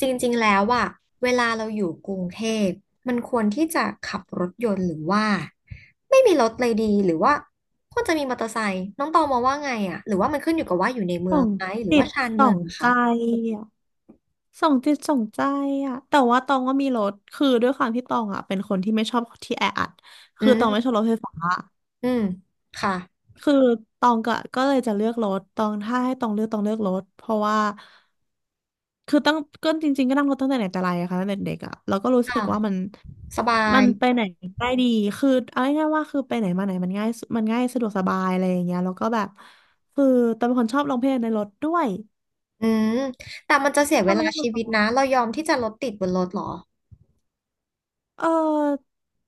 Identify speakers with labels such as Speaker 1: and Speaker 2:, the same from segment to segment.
Speaker 1: จริงๆ แล้วอะเวลาเราอยู่กรุงเทพมันควรที่จะขับรถยนต์หรือว่าไม่มีรถเลยดีหรือว่าควรจะมีมอเตอร์ไซค์น้องตองมองว่าไงอะหรือว่ามันขึ้นอยู่กับว่าอยู่ในเมื
Speaker 2: ส่
Speaker 1: อ
Speaker 2: อ
Speaker 1: ง
Speaker 2: ง
Speaker 1: ไหมหรือ
Speaker 2: จิ
Speaker 1: ว่า
Speaker 2: ต
Speaker 1: ชาน
Speaker 2: ส่
Speaker 1: เมื
Speaker 2: อ
Speaker 1: อง
Speaker 2: ง
Speaker 1: นะ
Speaker 2: ใจ
Speaker 1: คะ
Speaker 2: อ่ะส่องจิตส่องใจอ่ะแต่ว่าตองว่ามีรถคือด้วยความที่ตองอ่ะเป็นคนที่ไม่ชอบที่แออัด
Speaker 1: อื
Speaker 2: คือตองไม่ชอบ
Speaker 1: ม
Speaker 2: รถไฟฟ้า
Speaker 1: อืมค่ะ
Speaker 2: คือตองก็เลยจะเลือกรถตองถ้าให้ตองเลือกตองเลือกรถเพราะว่าคือตั้งก็จริงๆก็นั่งรถตั้งแต่ไหนแต่ไรอะค่ะตั้งแต่เด็กอะแล้วก็รู้สึ
Speaker 1: ค่ะ
Speaker 2: กว่ามัน
Speaker 1: สบา
Speaker 2: มั
Speaker 1: ย
Speaker 2: นไปไหนได้ดีคือเอาง่ายๆว่าคือไปไหนมาไหนมันง่ายสุดมันง่ายสะดวกสบายอะไรอย่างเงี้ยแล้วก็แบบคือตองเป็นคนชอบร้องเพลงในรถด้วย
Speaker 1: อืมแต่มันจะเสีย
Speaker 2: ช
Speaker 1: เว
Speaker 2: อบร้อ
Speaker 1: ลา
Speaker 2: งเพลงบ
Speaker 1: ชี
Speaker 2: น
Speaker 1: วิต
Speaker 2: ร
Speaker 1: นะ
Speaker 2: ถ
Speaker 1: เรายอมที่จะรถติดบนรถเหรอ
Speaker 2: เออ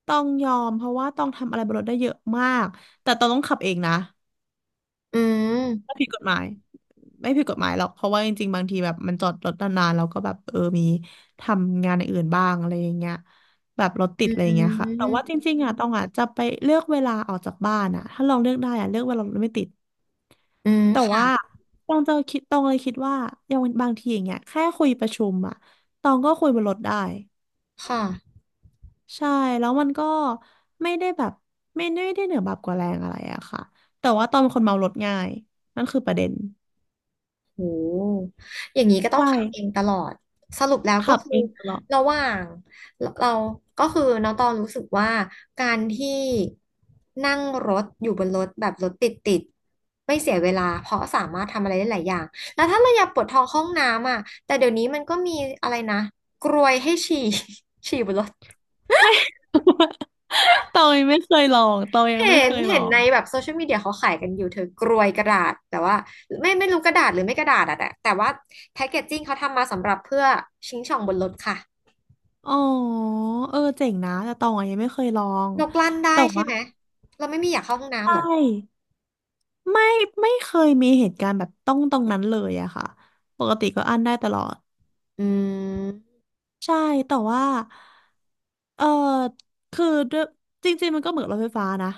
Speaker 2: ต้องยอมเพราะว่าต้องทำอะไรบนรถได้เยอะมากแต่ต้องขับเองนะ
Speaker 1: อื
Speaker 2: ไม่
Speaker 1: ม
Speaker 2: ผิดกฎหมายไม่ผิดกฎหมายหรอกเพราะว่าจริงๆบางทีแบบมันจอดรถนานๆแล้วก็แบบเออมีทำงานอย่างอื่นบ้างอะไรอย่างเงี้ยแบบรถติ
Speaker 1: อื
Speaker 2: ดอะไรอย่างเงี้ยค่ะแต่ว่าจ
Speaker 1: ม
Speaker 2: ริงๆอ่ะต้องอ่ะจะไปเลือกเวลาออกจากบ้านอ่ะถ้าลองเลือกได้อ่ะเลือกเวลารถไม่ติด
Speaker 1: อืม
Speaker 2: แต่
Speaker 1: ค่ะ
Speaker 2: ว่าต้องจะคิดต้องเลยคิดว่าอย่างบางทีอย่างเงี้ยแค่คุยประชุมอ่ะตองก็คุยบนรถได้
Speaker 1: ค่ะ
Speaker 2: ใช่แล้วมันก็ไม่ได้แบบไม่ได้เหนือแบบกว่าแรงอะไรอะค่ะแต่ว่าตอนเป็นคนเมารถง่ายนั่นคือประเด็น
Speaker 1: โหอย่างนี้ก็
Speaker 2: ใ
Speaker 1: ต้องขับเอง
Speaker 2: ช่
Speaker 1: ตลอด สรุปแล้วก็
Speaker 2: ขับ
Speaker 1: คือ
Speaker 2: เองตลอด
Speaker 1: ระหว่าง เราก็คือน้องตองรู้สึกว่าการที่นั่งรถอยู่บนรถแบบรถติดไม่เสียเวลาเพราะสามารถทำอะไรได้หลายอย่าง แล้วถ้าเราอยากปวดท้องเข้าห้องน้ำอ่ะแต่เดี๋ยวนี้มันก็มีอะไรนะกรวยให้ฉี่ ฉี่บนรถ
Speaker 2: ตองยังไม่เคยลองตองยังไม่
Speaker 1: เห็
Speaker 2: เค
Speaker 1: น
Speaker 2: ยลอ
Speaker 1: เห็น
Speaker 2: ง
Speaker 1: ในแบบโซเชียลมีเดียเขาขายกันอยู่เธอกรวยกระดาษแต่ว่าไม่รู้กระดาษหรือไม่กระดาษอะแต่ว่าแพ็กเกจจิ้งเขาทำมาสำหรับเพื่อชิงช่องบนรถค่ะ
Speaker 2: อ๋อเออเจ๋งนะแต่ตองอะยังไม่เคยลอง
Speaker 1: นกลั่นได้
Speaker 2: แต่
Speaker 1: ใช่
Speaker 2: ว่า
Speaker 1: ไหมเราไม่มีอยากเข้าห้อง
Speaker 2: ใช
Speaker 1: น้ำหรอก
Speaker 2: ่ไม่ไม่เคยมีเหตุการณ์แบบต้องตรงนั้นเลยอะค่ะปกติก็อั้นได้ตลอด
Speaker 1: อืม
Speaker 2: ใช่แต่ว่าเออคือด้วยจริงๆมันก็เหมือนรถไฟฟ้านะ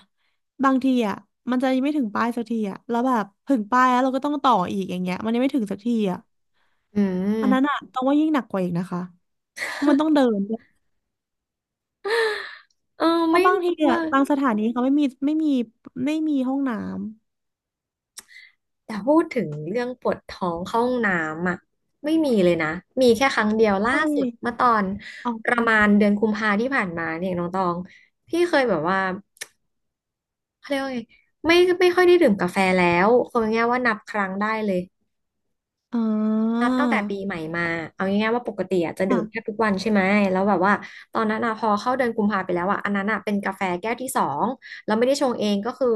Speaker 2: บางทีอ่ะมันจะยังไม่ถึงป้ายสักทีอ่ะแล้วแบบถึงป้ายแล้วเราก็ต้องต่ออีกอย่างเงี้ยมันยังไม่ถึงสักทีอ่ะ
Speaker 1: อืม
Speaker 2: อันนั้นอ่ะต้องว่ายิ่งหนักกว่าอีกนะคะเพราะมันต้องเดินด้วย
Speaker 1: เออ
Speaker 2: เพ
Speaker 1: ไม่
Speaker 2: ราะบาง
Speaker 1: รู้
Speaker 2: ทีอ่ะ
Speaker 1: ว่า
Speaker 2: บางสถานีเขาไม่มีไม่มีห้องน้ำ
Speaker 1: แต่พูดถึงเรื่องปวดท้องเข้าห้องน้ำอ่ะไม่มีเลยนะมีแค่ครั้งเดียวล่า
Speaker 2: ใช
Speaker 1: สุด
Speaker 2: ่
Speaker 1: เมื่อตอน
Speaker 2: อ๋
Speaker 1: ประมาณ
Speaker 2: อ
Speaker 1: เดือนกุมภาที่ผ่านมาเนี่ยน้องตองพี่เคยแบบว่า เขาเรียกว่าไงไม่ไม่ค่อยได้ดื่มกาแฟแล้วคือง่ายๆว่านับครั้งได้เลย
Speaker 2: อ๋
Speaker 1: นั
Speaker 2: อ
Speaker 1: บตั้งแต่ปีใหม่มาเอาง่ายๆว่าปกติอะจะดื่มแทบ
Speaker 2: ค่ะ
Speaker 1: ทุกวันใช่ไหมแล้วแบบว่าตอนนั้นอะพอเข้าเดือนกุมภาไปแล้วอะอันนั้นอะเป็นกาแฟแก้วที่สองเราไม่ได้ชงเองก็คือ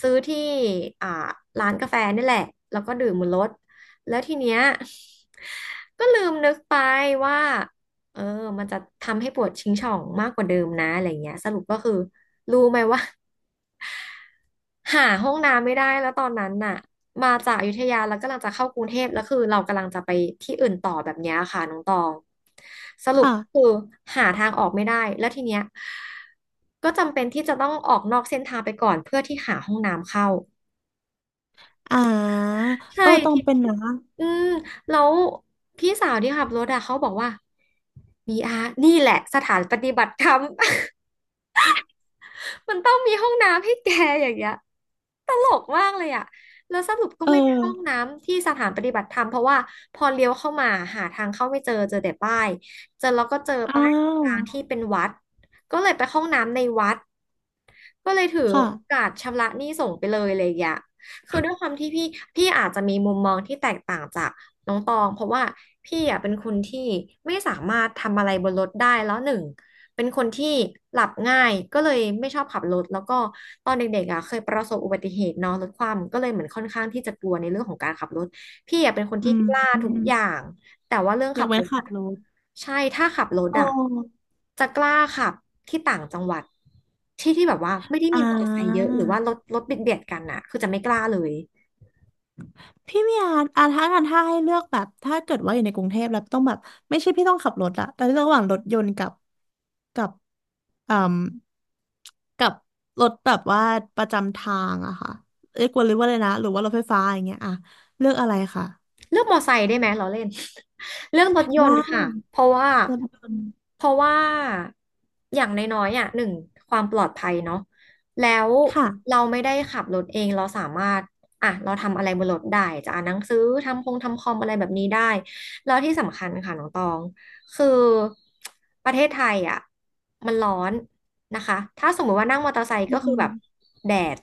Speaker 1: ซื้อที่อ่าร้านกาแฟนี่แหละแล้วก็ดื่มบนรถแล้วทีเนี้ยก็ลืมนึกไปว่าเออมันจะทำให้ปวดชิงช่องมากกว่าเดิมนะอะไรเงี้ยสรุปก็คือรู้ไหมว่า หาห้องน้ำไม่ได้แล้วตอนนั้นน่ะมาจากอยุธยาแล้วกำลังจะเข้ากรุงเทพแล้วคือเรากำลังจะไปที่อื่นต่อแบบเนี้ยค่ะน้องตองสรุป
Speaker 2: ค่ะ
Speaker 1: คือหาทางออกไม่ได้แล้วทีเนี้ยก็จำเป็นที่จะต้องออกนอกเส้นทางไปก่อนเพื่อที่หาห้องน้ำเข้า
Speaker 2: อ่า
Speaker 1: ใช่
Speaker 2: เออต้อง
Speaker 1: ที่
Speaker 2: เป็นนะ
Speaker 1: อืมแล้วพี่สาวที่ขับรถอะเขาบอกว่ามีอาร์นี่แหละสถานปฏิบัติธรรม มันต้องมีห้องน้ำให้แกอย่างเงี้ยตลกมากเลยอ่ะแล้วสรุปก็
Speaker 2: เออ
Speaker 1: ไม่ได้เข้าห้องน้ำที่สถานปฏิบัติธรรมเพราะว่าพอเลี้ยวเข้ามาหาทางเข้าไม่เจอเจอแต่ป้ายเจอแล้วก็เจอ
Speaker 2: อ้า
Speaker 1: ป้าย
Speaker 2: ว
Speaker 1: ทางที่เป็นวัดก็เลยไปเข้าห้องน้ำในวัดก็เลยถือโอ
Speaker 2: ค่ะ
Speaker 1: กาสชำระหนี้ส่งไปเลยอะไรอย่างเงี้ยคือด้วยความที่พี่อาจจะมีมุมมองที่แตกต่างจาก น้องตองเพราะว่าพี่อ่ะเป็นคนที่ไม่สามารถทำอะไรบนรถได้แล้วหนึ่งเป็นคนที่หลับง่ายก็เลยไม่ชอบขับรถแล้วก็ตอนเด็กๆอ่ะเคยประสบอุบัติเหตุเนอะรถคว่ำก็เลยเหมือนค่อนข้างที่จะกลัวในเรื่องของการขับรถพี่อ่ะเป็นคนที่
Speaker 2: อืม
Speaker 1: กล้าทุกอย่างแต่ว่าเรื่อง
Speaker 2: ย
Speaker 1: ขั
Speaker 2: ก
Speaker 1: บ
Speaker 2: เว้
Speaker 1: ร
Speaker 2: น
Speaker 1: ถ
Speaker 2: ขั
Speaker 1: อะ
Speaker 2: บรถ
Speaker 1: ใช่ถ้าขับรถ
Speaker 2: โอ
Speaker 1: อะ
Speaker 2: ้
Speaker 1: จะกล้าขับที่ต่างจังหวัดที่ที่แบบว่าไม่ได้
Speaker 2: อ่
Speaker 1: มีมอเตอร์ไซค์เย
Speaker 2: า
Speaker 1: อะหรือว่ารถเบียดกันอะคือจะไม่กล้าเลย
Speaker 2: พี่เมียอ่าถ้ากันถ้าให้เลือกแบบ ถ้าเกิดว่าอยู่ในกรุงเทพแล้วต้องแบบไม่ใช่พี่ต้องขับรถอะแต่เลือกระหว่างรถยนต์กับอืมกับรถแบบว่าประจำทางอะค่ะเรียกว่าหรือว่าอะไรนะ หรือว่ารถไฟฟ้าอย่างเงี้ยอะเลือกอะไรค่ะ
Speaker 1: เลือกมอไซค์ได้ไหมล้อเล่น เลือกรถย
Speaker 2: ได
Speaker 1: นต์ค่ะเพ
Speaker 2: ้
Speaker 1: ราะว่า
Speaker 2: รถยนต์
Speaker 1: เพราะว่าอย่างน้อยๆอ่ะหนึ่งความปลอดภัยเนาะแล้ว
Speaker 2: ค่ะ
Speaker 1: เราไม่ได้ขับรถเองเราสามารถอ่ะเราทำอะไรบนรถได้จะอ่านหนังสือทำคอมอะไรแบบนี้ได้แล้วที่สำคัญค่ะน้องตองคือประเทศไทยอ่ะมันร้อนนะคะถ้าสมมติว่านั่งมอเตอร์ไซค์
Speaker 2: ใช
Speaker 1: ก็คือแบบ
Speaker 2: ่
Speaker 1: แดด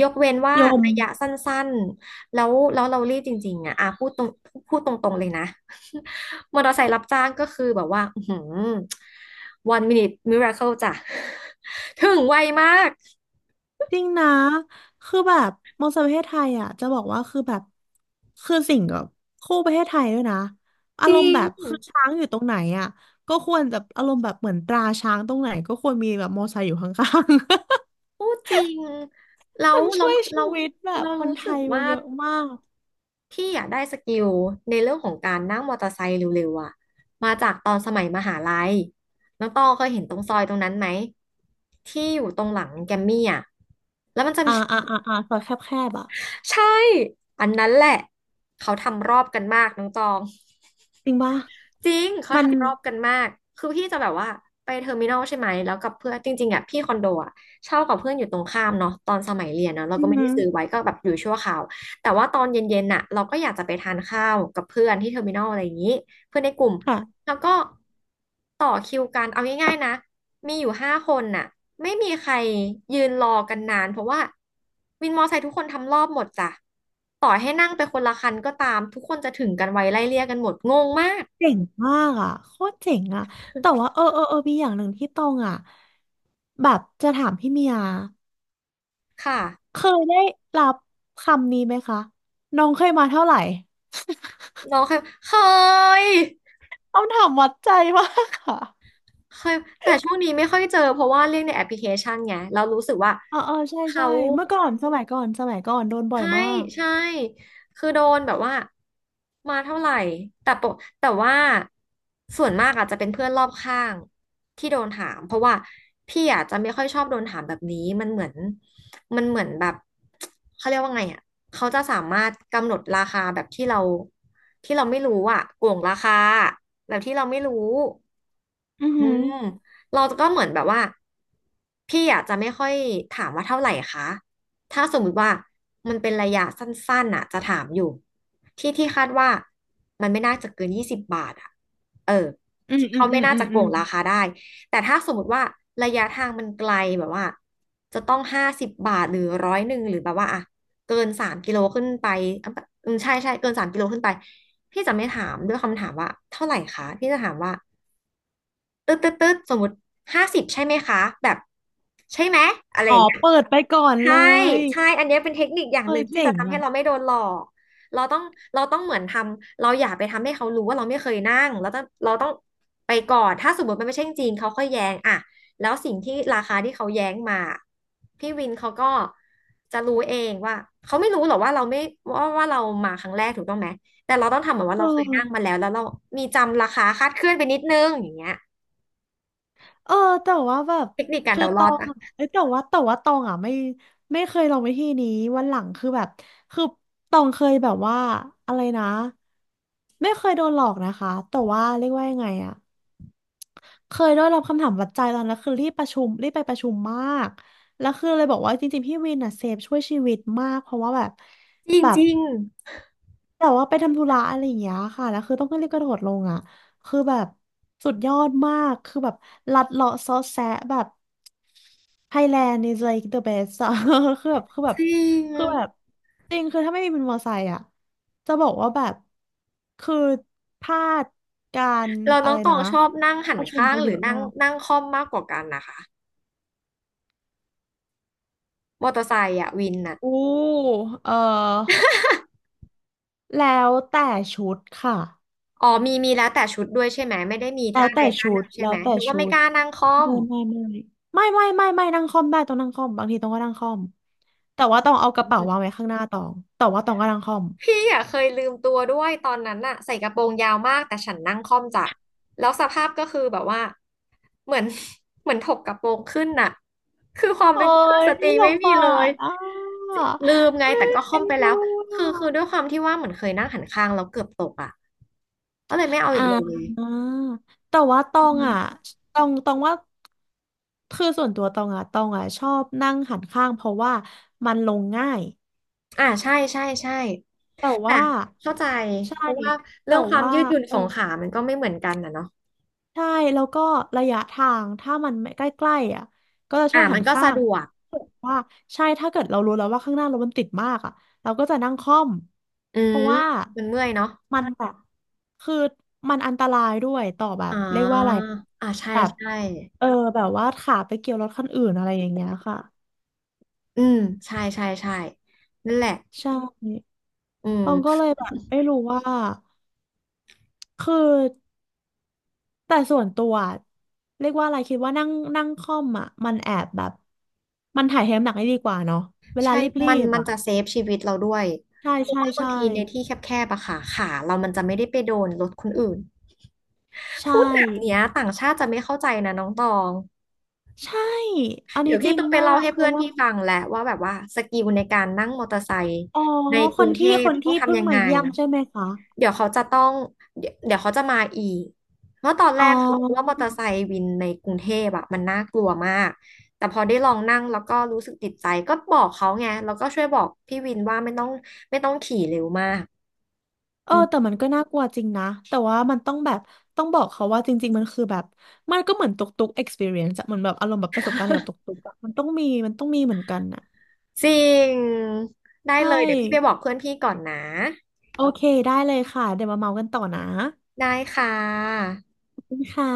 Speaker 1: ยกเว้นว่า
Speaker 2: ยม
Speaker 1: ระยะสั้น แล้วเรารีบจริงๆอ่ะพูดตรงๆเลยนะ มอเตอร์ไซค์รับจ้างก็คือแบบว่าอืม one minute miracle จ้ะ ถึงไวมาก
Speaker 2: จริงนะคือแบบมองสาวประเทศไทยอ่ะจะบอกว่าคือแบบคือสิ่งกับคู่ประเทศไทยด้วยนะอา
Speaker 1: จ
Speaker 2: ร
Speaker 1: ริ
Speaker 2: มณ์
Speaker 1: ง
Speaker 2: แบบคือช้างอยู่ตรงไหนอ่ะก็ควรจะอารมณ์แบบเหมือนตราช้างตรงไหนก็ควรมีแบบมอไซค์อยู่ข้าง
Speaker 1: พูดจริง
Speaker 2: ๆ
Speaker 1: แล้ ว
Speaker 2: มันช่วยชี
Speaker 1: เรา
Speaker 2: วิตแบบ
Speaker 1: เรา
Speaker 2: คน
Speaker 1: รู้
Speaker 2: ไท
Speaker 1: สึก
Speaker 2: ยไป
Speaker 1: ว่า
Speaker 2: เยอะมาก
Speaker 1: พี่อยากได้สกิลในเรื่องของการนั่งมอเตอร์ไซค์เร็วๆอ่ะมาจากตอนสมัยมหาลัยน้องตองเคยเห็นตรงซอยตรงนั้นไหมที่อยู่ตรงหลังแกมมี่อ่ะแล้วมันจะ
Speaker 2: อ่า
Speaker 1: มี
Speaker 2: อ่าอ่าอ่าซอยแคบๆอ่ะ
Speaker 1: ใช่ อันนั้นแหละเขาทำรอบกันมากน้องตอง
Speaker 2: จริงป่ะ
Speaker 1: จริงเขา
Speaker 2: มัน
Speaker 1: ทำรอบกันมากคือพี่จะแบบว่าไปเทอร์มินอลใช่ไหมแล้วกับเพื่อนจริงๆอ่ะพี่คอนโดอ่ะเช่ากับเพื่อนอยู่ตรงข้ามเนาะตอนสมัยเรียนนะเรา
Speaker 2: อื
Speaker 1: ก็
Speaker 2: อ
Speaker 1: ไม่ได้
Speaker 2: หือ
Speaker 1: ซื้อไว้ก็แบบอยู่ชั่วคราวแต่ว่าตอนเย็นๆน่ะเราก็อยากจะไปทานข้าวกับเพื่อนที่เทอร์มินอลอะไรอย่างนี้เพื่อนในกลุ่ม
Speaker 2: ค่ะ
Speaker 1: แล้วก็ต่อคิวกันเอาง่ายๆนะมีอยู่5 คนน่ะไม่มีใครยืนรอกันนานเพราะว่าวินมอไซค์ทุกคนทำรอบหมดจ้ะต่อให้นั่งไปคนละคันก็ตามทุกคนจะถึงกันไวไล่เลี่ยกันหมดงงมาก
Speaker 2: เจ๋งมากอ่ะโคตรเจ๋งอ่ะแต่ว่าเออมีอย่างหนึ่งที่ตองอ่ะแบบจะถามพี่เมีย
Speaker 1: ค่ะ
Speaker 2: เคยได้รับคำนี้ไหมคะน้องเคยมาเท่าไหร่
Speaker 1: น้องเคยเคย
Speaker 2: คำถามวัดใจมากค่ะ
Speaker 1: เคยแต่ช่วงนี้ไม่ค่อยเจอเพราะว่าเรื่องในแอปพลิเคชันไงเรารู้สึกว่า
Speaker 2: เออเออใช่ใช่
Speaker 1: เขา
Speaker 2: เมื่อก่อนสมัยก่อนโดนบ่อย
Speaker 1: ใช่
Speaker 2: มาก
Speaker 1: ใช่คือโดนแบบว่ามาเท่าไหร่แต่ปกแต่ว่าส่วนมากอาจจะเป็นเพื่อนรอบข้างที่โดนถามเพราะว่าพี่อาจจะไม่ค่อยชอบโดนถามแบบนี้มันเหมือนแบบเขาเรียกว่าไงอ่ะเขาจะสามารถกำหนดราคาแบบที่เราไม่รู้อ่ะโกงราคาแบบที่เราไม่รู้
Speaker 2: อือ
Speaker 1: อื
Speaker 2: หือ
Speaker 1: มเราก็เหมือนแบบว่าพี่อาจจะไม่ค่อยถามว่าเท่าไหร่คะถ้าสมมุติว่ามันเป็นระยะสั้นๆน่ะจะถามอยู่ที่ที่คาดว่ามันไม่น่าจะเกิน20 บาทอ่ะเออ
Speaker 2: อืม
Speaker 1: ที่
Speaker 2: อื
Speaker 1: เขา
Speaker 2: มอื
Speaker 1: ไม่
Speaker 2: ม
Speaker 1: น่า
Speaker 2: อืม
Speaker 1: จะโก
Speaker 2: อืม
Speaker 1: งราคาได้แต่ถ้าสมมติว่าระยะทางมันไกลแบบว่าจะต้อง50 บาทหรือ100หรือแบบว่าอ่ะเกินสามกิโลขึ้นไปอ่ะอืมใช่ใช่เกินสามกิโลขึ้นไปพี่จะไม่ถามด้วยคำถามว่าเท่าไหร่คะพี่จะถามว่า ตึ๊ดตึ๊ดตึ๊ดสมมติ50ใช่ไหมคะแบบใช่ไหมอะไร
Speaker 2: อ๋
Speaker 1: อ
Speaker 2: อ
Speaker 1: ย่างเงี้ย
Speaker 2: เปิดไปก่อนเล
Speaker 1: ใช่
Speaker 2: ย
Speaker 1: ใช่ อันเนี้ยเป็นเทคนิคอย่าง
Speaker 2: เฮ้
Speaker 1: ห
Speaker 2: ย
Speaker 1: นึ่งที่
Speaker 2: เจ๋
Speaker 1: จะ
Speaker 2: ง
Speaker 1: ทำให้
Speaker 2: อ่ะ
Speaker 1: เราไม่โดนหลอกเราต้องเราต้องเหมือนทำเราอย่าไปทำให้เขารู้ว่าเราไม่เคยนั่งเราต้องไปก่อนถ้าสมมติมันไม่ใช่จริงเขาค่อยแย้งอะแล้วสิ่งที่ราคาที่เขาแย้งมา พี่วินเขาก็จะรู้เองว่าเขาไม่รู้หรอกว่าเราไม่ว่าเรามาครั้งแรกถูกต้องไหมแต่เราต้องทำเหมือนว่า
Speaker 2: เ
Speaker 1: เราเคยนั่ง
Speaker 2: ออ
Speaker 1: มาแล้วแล้วเรามีจำราคาคลาดเคลื่อนไปนิดนึงอย่างเงี้ย
Speaker 2: เออแต่ว่าแบบ
Speaker 1: เทคนิคการ
Speaker 2: คือ
Speaker 1: เดา
Speaker 2: ต
Speaker 1: รอ
Speaker 2: อ
Speaker 1: ด
Speaker 2: ง
Speaker 1: อะ
Speaker 2: อะเอ้ยแต่ว่าตองอ่ะไม่ไม่เคยลองวิธีนี้วันหลังคือแบบคือตองเคยแบบว่าอะไรนะไม่เคยโดนหลอกนะคะแต่ว่าเรียกว่ายังไงอะ เคยได้รับคำถามวัดใจตอนนั้นคือรีบประชุมรีบไปประชุมมากแล้วคือเลยบอกว่าจริงๆพี่วินอ่ะเซฟช่วยชีวิตมากเพราะว่าแบบ
Speaker 1: จริง
Speaker 2: แบ
Speaker 1: จ
Speaker 2: บ
Speaker 1: ริง
Speaker 2: แต่ว่าไปทำธุระอะไรอย่างเงี้ยค่ะแล้วคือต้องรีบกระโดดลงอ่ะคือแบบสุดยอดมากคือแบบลัดเลาะซอแซะแบบ Thailand is like the best อะ คือแบ
Speaker 1: จ
Speaker 2: บคือแบบ
Speaker 1: ริ
Speaker 2: คือแบบ
Speaker 1: ง
Speaker 2: จริงคือถ้าไม่มีเป็นมอไซค์อะจะบอกว่าแบบคือพลาดการ
Speaker 1: เราน้
Speaker 2: อะ
Speaker 1: อ
Speaker 2: ไร
Speaker 1: งตอ
Speaker 2: นะ
Speaker 1: งชอบนั่งหั
Speaker 2: ป
Speaker 1: น
Speaker 2: ระชุม
Speaker 1: ข้า
Speaker 2: ไป
Speaker 1: งห
Speaker 2: เย
Speaker 1: รือ
Speaker 2: อะ
Speaker 1: นั่ง
Speaker 2: มาก
Speaker 1: นั่งค่อมมากกว่ากันนะคะมอเตอร์ไซค์อะวินน่ะ
Speaker 2: อู้เออแล้วแต่ชุดค่ะ
Speaker 1: อ๋อมีแล้วแต่ชุดด้วยใช่ไหมไม่ได้มี
Speaker 2: แล้
Speaker 1: ท่า
Speaker 2: ว
Speaker 1: ใด
Speaker 2: แต่
Speaker 1: ท่า
Speaker 2: ชุ
Speaker 1: ห
Speaker 2: ด
Speaker 1: นึ่งใช่
Speaker 2: แล้
Speaker 1: ไหม
Speaker 2: วแต่
Speaker 1: นึกว่า
Speaker 2: ชุ
Speaker 1: ไม่
Speaker 2: ด
Speaker 1: กล้านั่งค่อม
Speaker 2: ไม่ไม่ไม่ไม่นั่งคล่อมได้ต้องนั่งคล่อมบางทีต้องก็นั่งคล่อมแต่ว่าต้องเอาก
Speaker 1: อื
Speaker 2: ระเป๋าวา
Speaker 1: ม
Speaker 2: งไว้ข้างหน้าตองแต่ว่าตองก็นั่งคล่อม
Speaker 1: พี่อ่ะเคยลืมตัวด้วยตอนนั้นน่ะใส่กระโปรงยาวมากแต่ฉันนั่งค่อมจ้ะแล้วสภาพก็คือแบบว่าเหมือน เหมือนถกกระโปรงขึ้นน่ะคือความ
Speaker 2: โอ้
Speaker 1: เป็นกุล
Speaker 2: ย
Speaker 1: สตรี
Speaker 2: ส
Speaker 1: ไม่
Speaker 2: ง
Speaker 1: มี
Speaker 2: สา
Speaker 1: เลย
Speaker 2: รอ่ะ
Speaker 1: ลืมไง
Speaker 2: เอ้
Speaker 1: แต่
Speaker 2: ย
Speaker 1: ก็ค่อ
Speaker 2: เอ็
Speaker 1: ม
Speaker 2: น
Speaker 1: ไป
Speaker 2: ดู
Speaker 1: แล้ว
Speaker 2: อ
Speaker 1: คือด้วย
Speaker 2: ะ
Speaker 1: ความที่ว่าเหมือนเคยนั่งหันข้างแล้วเกือบตกอ่ะก็เลยไม่เอา
Speaker 2: อ่
Speaker 1: อีกเลย
Speaker 2: าแต่ว่าตอ
Speaker 1: อื
Speaker 2: งอ่ะ
Speaker 1: ม
Speaker 2: ตองว่าคือส่วนตัวตองอ่ะตองอ่ะชอบนั่งหันข้างเพราะว่ามันลงง่าย
Speaker 1: อ่าใช่ใช่ใช่
Speaker 2: แต่
Speaker 1: แต่
Speaker 2: ว่า
Speaker 1: เข้าใจ
Speaker 2: ใช่
Speaker 1: เพราะว่า
Speaker 2: แต่
Speaker 1: เรื่องความ
Speaker 2: ว่า
Speaker 1: ยืดหยุ่น
Speaker 2: เอ
Speaker 1: ข
Speaker 2: อ
Speaker 1: องขามันก็ไม่เหมือนกันนะเนาะ
Speaker 2: ใช่แล้วก็ระยะทางถ้ามันไม่ใกล้ๆอ่ะก็จะชอ
Speaker 1: อ่า
Speaker 2: บหั
Speaker 1: มัน
Speaker 2: น
Speaker 1: ก็
Speaker 2: ข้า
Speaker 1: สะ
Speaker 2: ง
Speaker 1: ดวก
Speaker 2: ว่าใช่ถ้าเกิดเรารู้แล้วว่าข้างหน้ารถมันติดมากอ่ะเราก็จะนั่งค่อม
Speaker 1: อื
Speaker 2: เพ
Speaker 1: ม
Speaker 2: ราะว่า
Speaker 1: มันเมื่อยเนาะ
Speaker 2: มันแบบคือมันอันตรายด้วยต่อแบบ
Speaker 1: อ๋อ
Speaker 2: เรียกว่าอะไร
Speaker 1: อ่าใช่
Speaker 2: แบบ
Speaker 1: ใช่
Speaker 2: เออแบบว่าขาไปเกี่ยวรถคันอื่นอะไรอย่างเงี้ยค่ะ
Speaker 1: อืมใช่ใช่ใช่นั่นแหละ
Speaker 2: ใช่
Speaker 1: อื
Speaker 2: ต้องก็
Speaker 1: ม
Speaker 2: เลยแบบไม่รู้ว่าคือ แต่ส่วนตัวอะเรียกว่าอะไรคิดว่านั่งนั่งคล่อมอ่ะมันแอบแบบมันถ่ายเทน้ำหนักได้ดีกว่าเนาะเวลา
Speaker 1: ใช่
Speaker 2: รี
Speaker 1: มัน
Speaker 2: บ
Speaker 1: มั
Speaker 2: ๆ
Speaker 1: น
Speaker 2: อ่ะ
Speaker 1: จะเซฟชีวิตเราด้วย
Speaker 2: ใช่
Speaker 1: เพราะ
Speaker 2: ใช่
Speaker 1: ว่าบาง
Speaker 2: ใช่
Speaker 1: ทีในที่แคบๆอะค่ะขาเรามันจะไม่ได้ไปโดนรถคนอื่น
Speaker 2: ใช่
Speaker 1: พูดแบบเนี้ยต่างชาติจะไม่เข้าใจนะน้องตอง
Speaker 2: ใช่อัน
Speaker 1: เดี๋
Speaker 2: นี้
Speaker 1: ยว
Speaker 2: จ
Speaker 1: พี่
Speaker 2: ริง
Speaker 1: ต้องไป
Speaker 2: มา
Speaker 1: เล่า
Speaker 2: ก
Speaker 1: ให้
Speaker 2: คือ
Speaker 1: เพื่อน
Speaker 2: ว่า
Speaker 1: พี่ฟังแหละว่าแบบว่าสกิลในการนั่งมอเตอร์ไซค์
Speaker 2: อ๋อ
Speaker 1: ในก
Speaker 2: ค
Speaker 1: รุ
Speaker 2: น
Speaker 1: งเท
Speaker 2: ที่
Speaker 1: พ
Speaker 2: คน
Speaker 1: ต้อ
Speaker 2: ที่
Speaker 1: ง
Speaker 2: เพิ่
Speaker 1: ทำ
Speaker 2: ง
Speaker 1: ยัง
Speaker 2: มา
Speaker 1: ไง
Speaker 2: เยี่ยมใช่ไหมคะ
Speaker 1: เดี๋ยวเขาจะต้องเดี๋ยวเขาจะมาอีก เพราะตอนแร
Speaker 2: อ๋
Speaker 1: กเขาบอกว่าม
Speaker 2: อ
Speaker 1: อเตอร์ไซค์วินในกรุงเทพอะมันน่ากลัวมาก แต่พอได้ลองนั่งแล้วก็รู้สึกติดใจ ก็บอกเขาไงแล้วก็ช่วยบอกพี่วินว่าไม่ต้องขี่เร็วมาก
Speaker 2: เอ
Speaker 1: อื
Speaker 2: อแต่
Speaker 1: ม
Speaker 2: มันก็น่ากลัวจริงนะแต่ว่ามันต้องแบบต้องบอกเขาว่าจริงๆมันคือแบบมันก็เหมือนตุ๊กตุ๊ก experience อะเหมือนแบบอารมณ์แบบประสบการณ์เกี่ยวกับตุ๊กตุ๊กอะมันต้องมีเหมือนกันอะ
Speaker 1: จริงได้
Speaker 2: ใช่
Speaker 1: เลยเดี๋ยวพี่ไปบอกเพื่อนพี่ก่อนนะ
Speaker 2: โอเคได้เลยค่ะเดี๋ยวมาเมากันต่อนะ
Speaker 1: ได้ค่ะ
Speaker 2: ขอบคุณค่ะ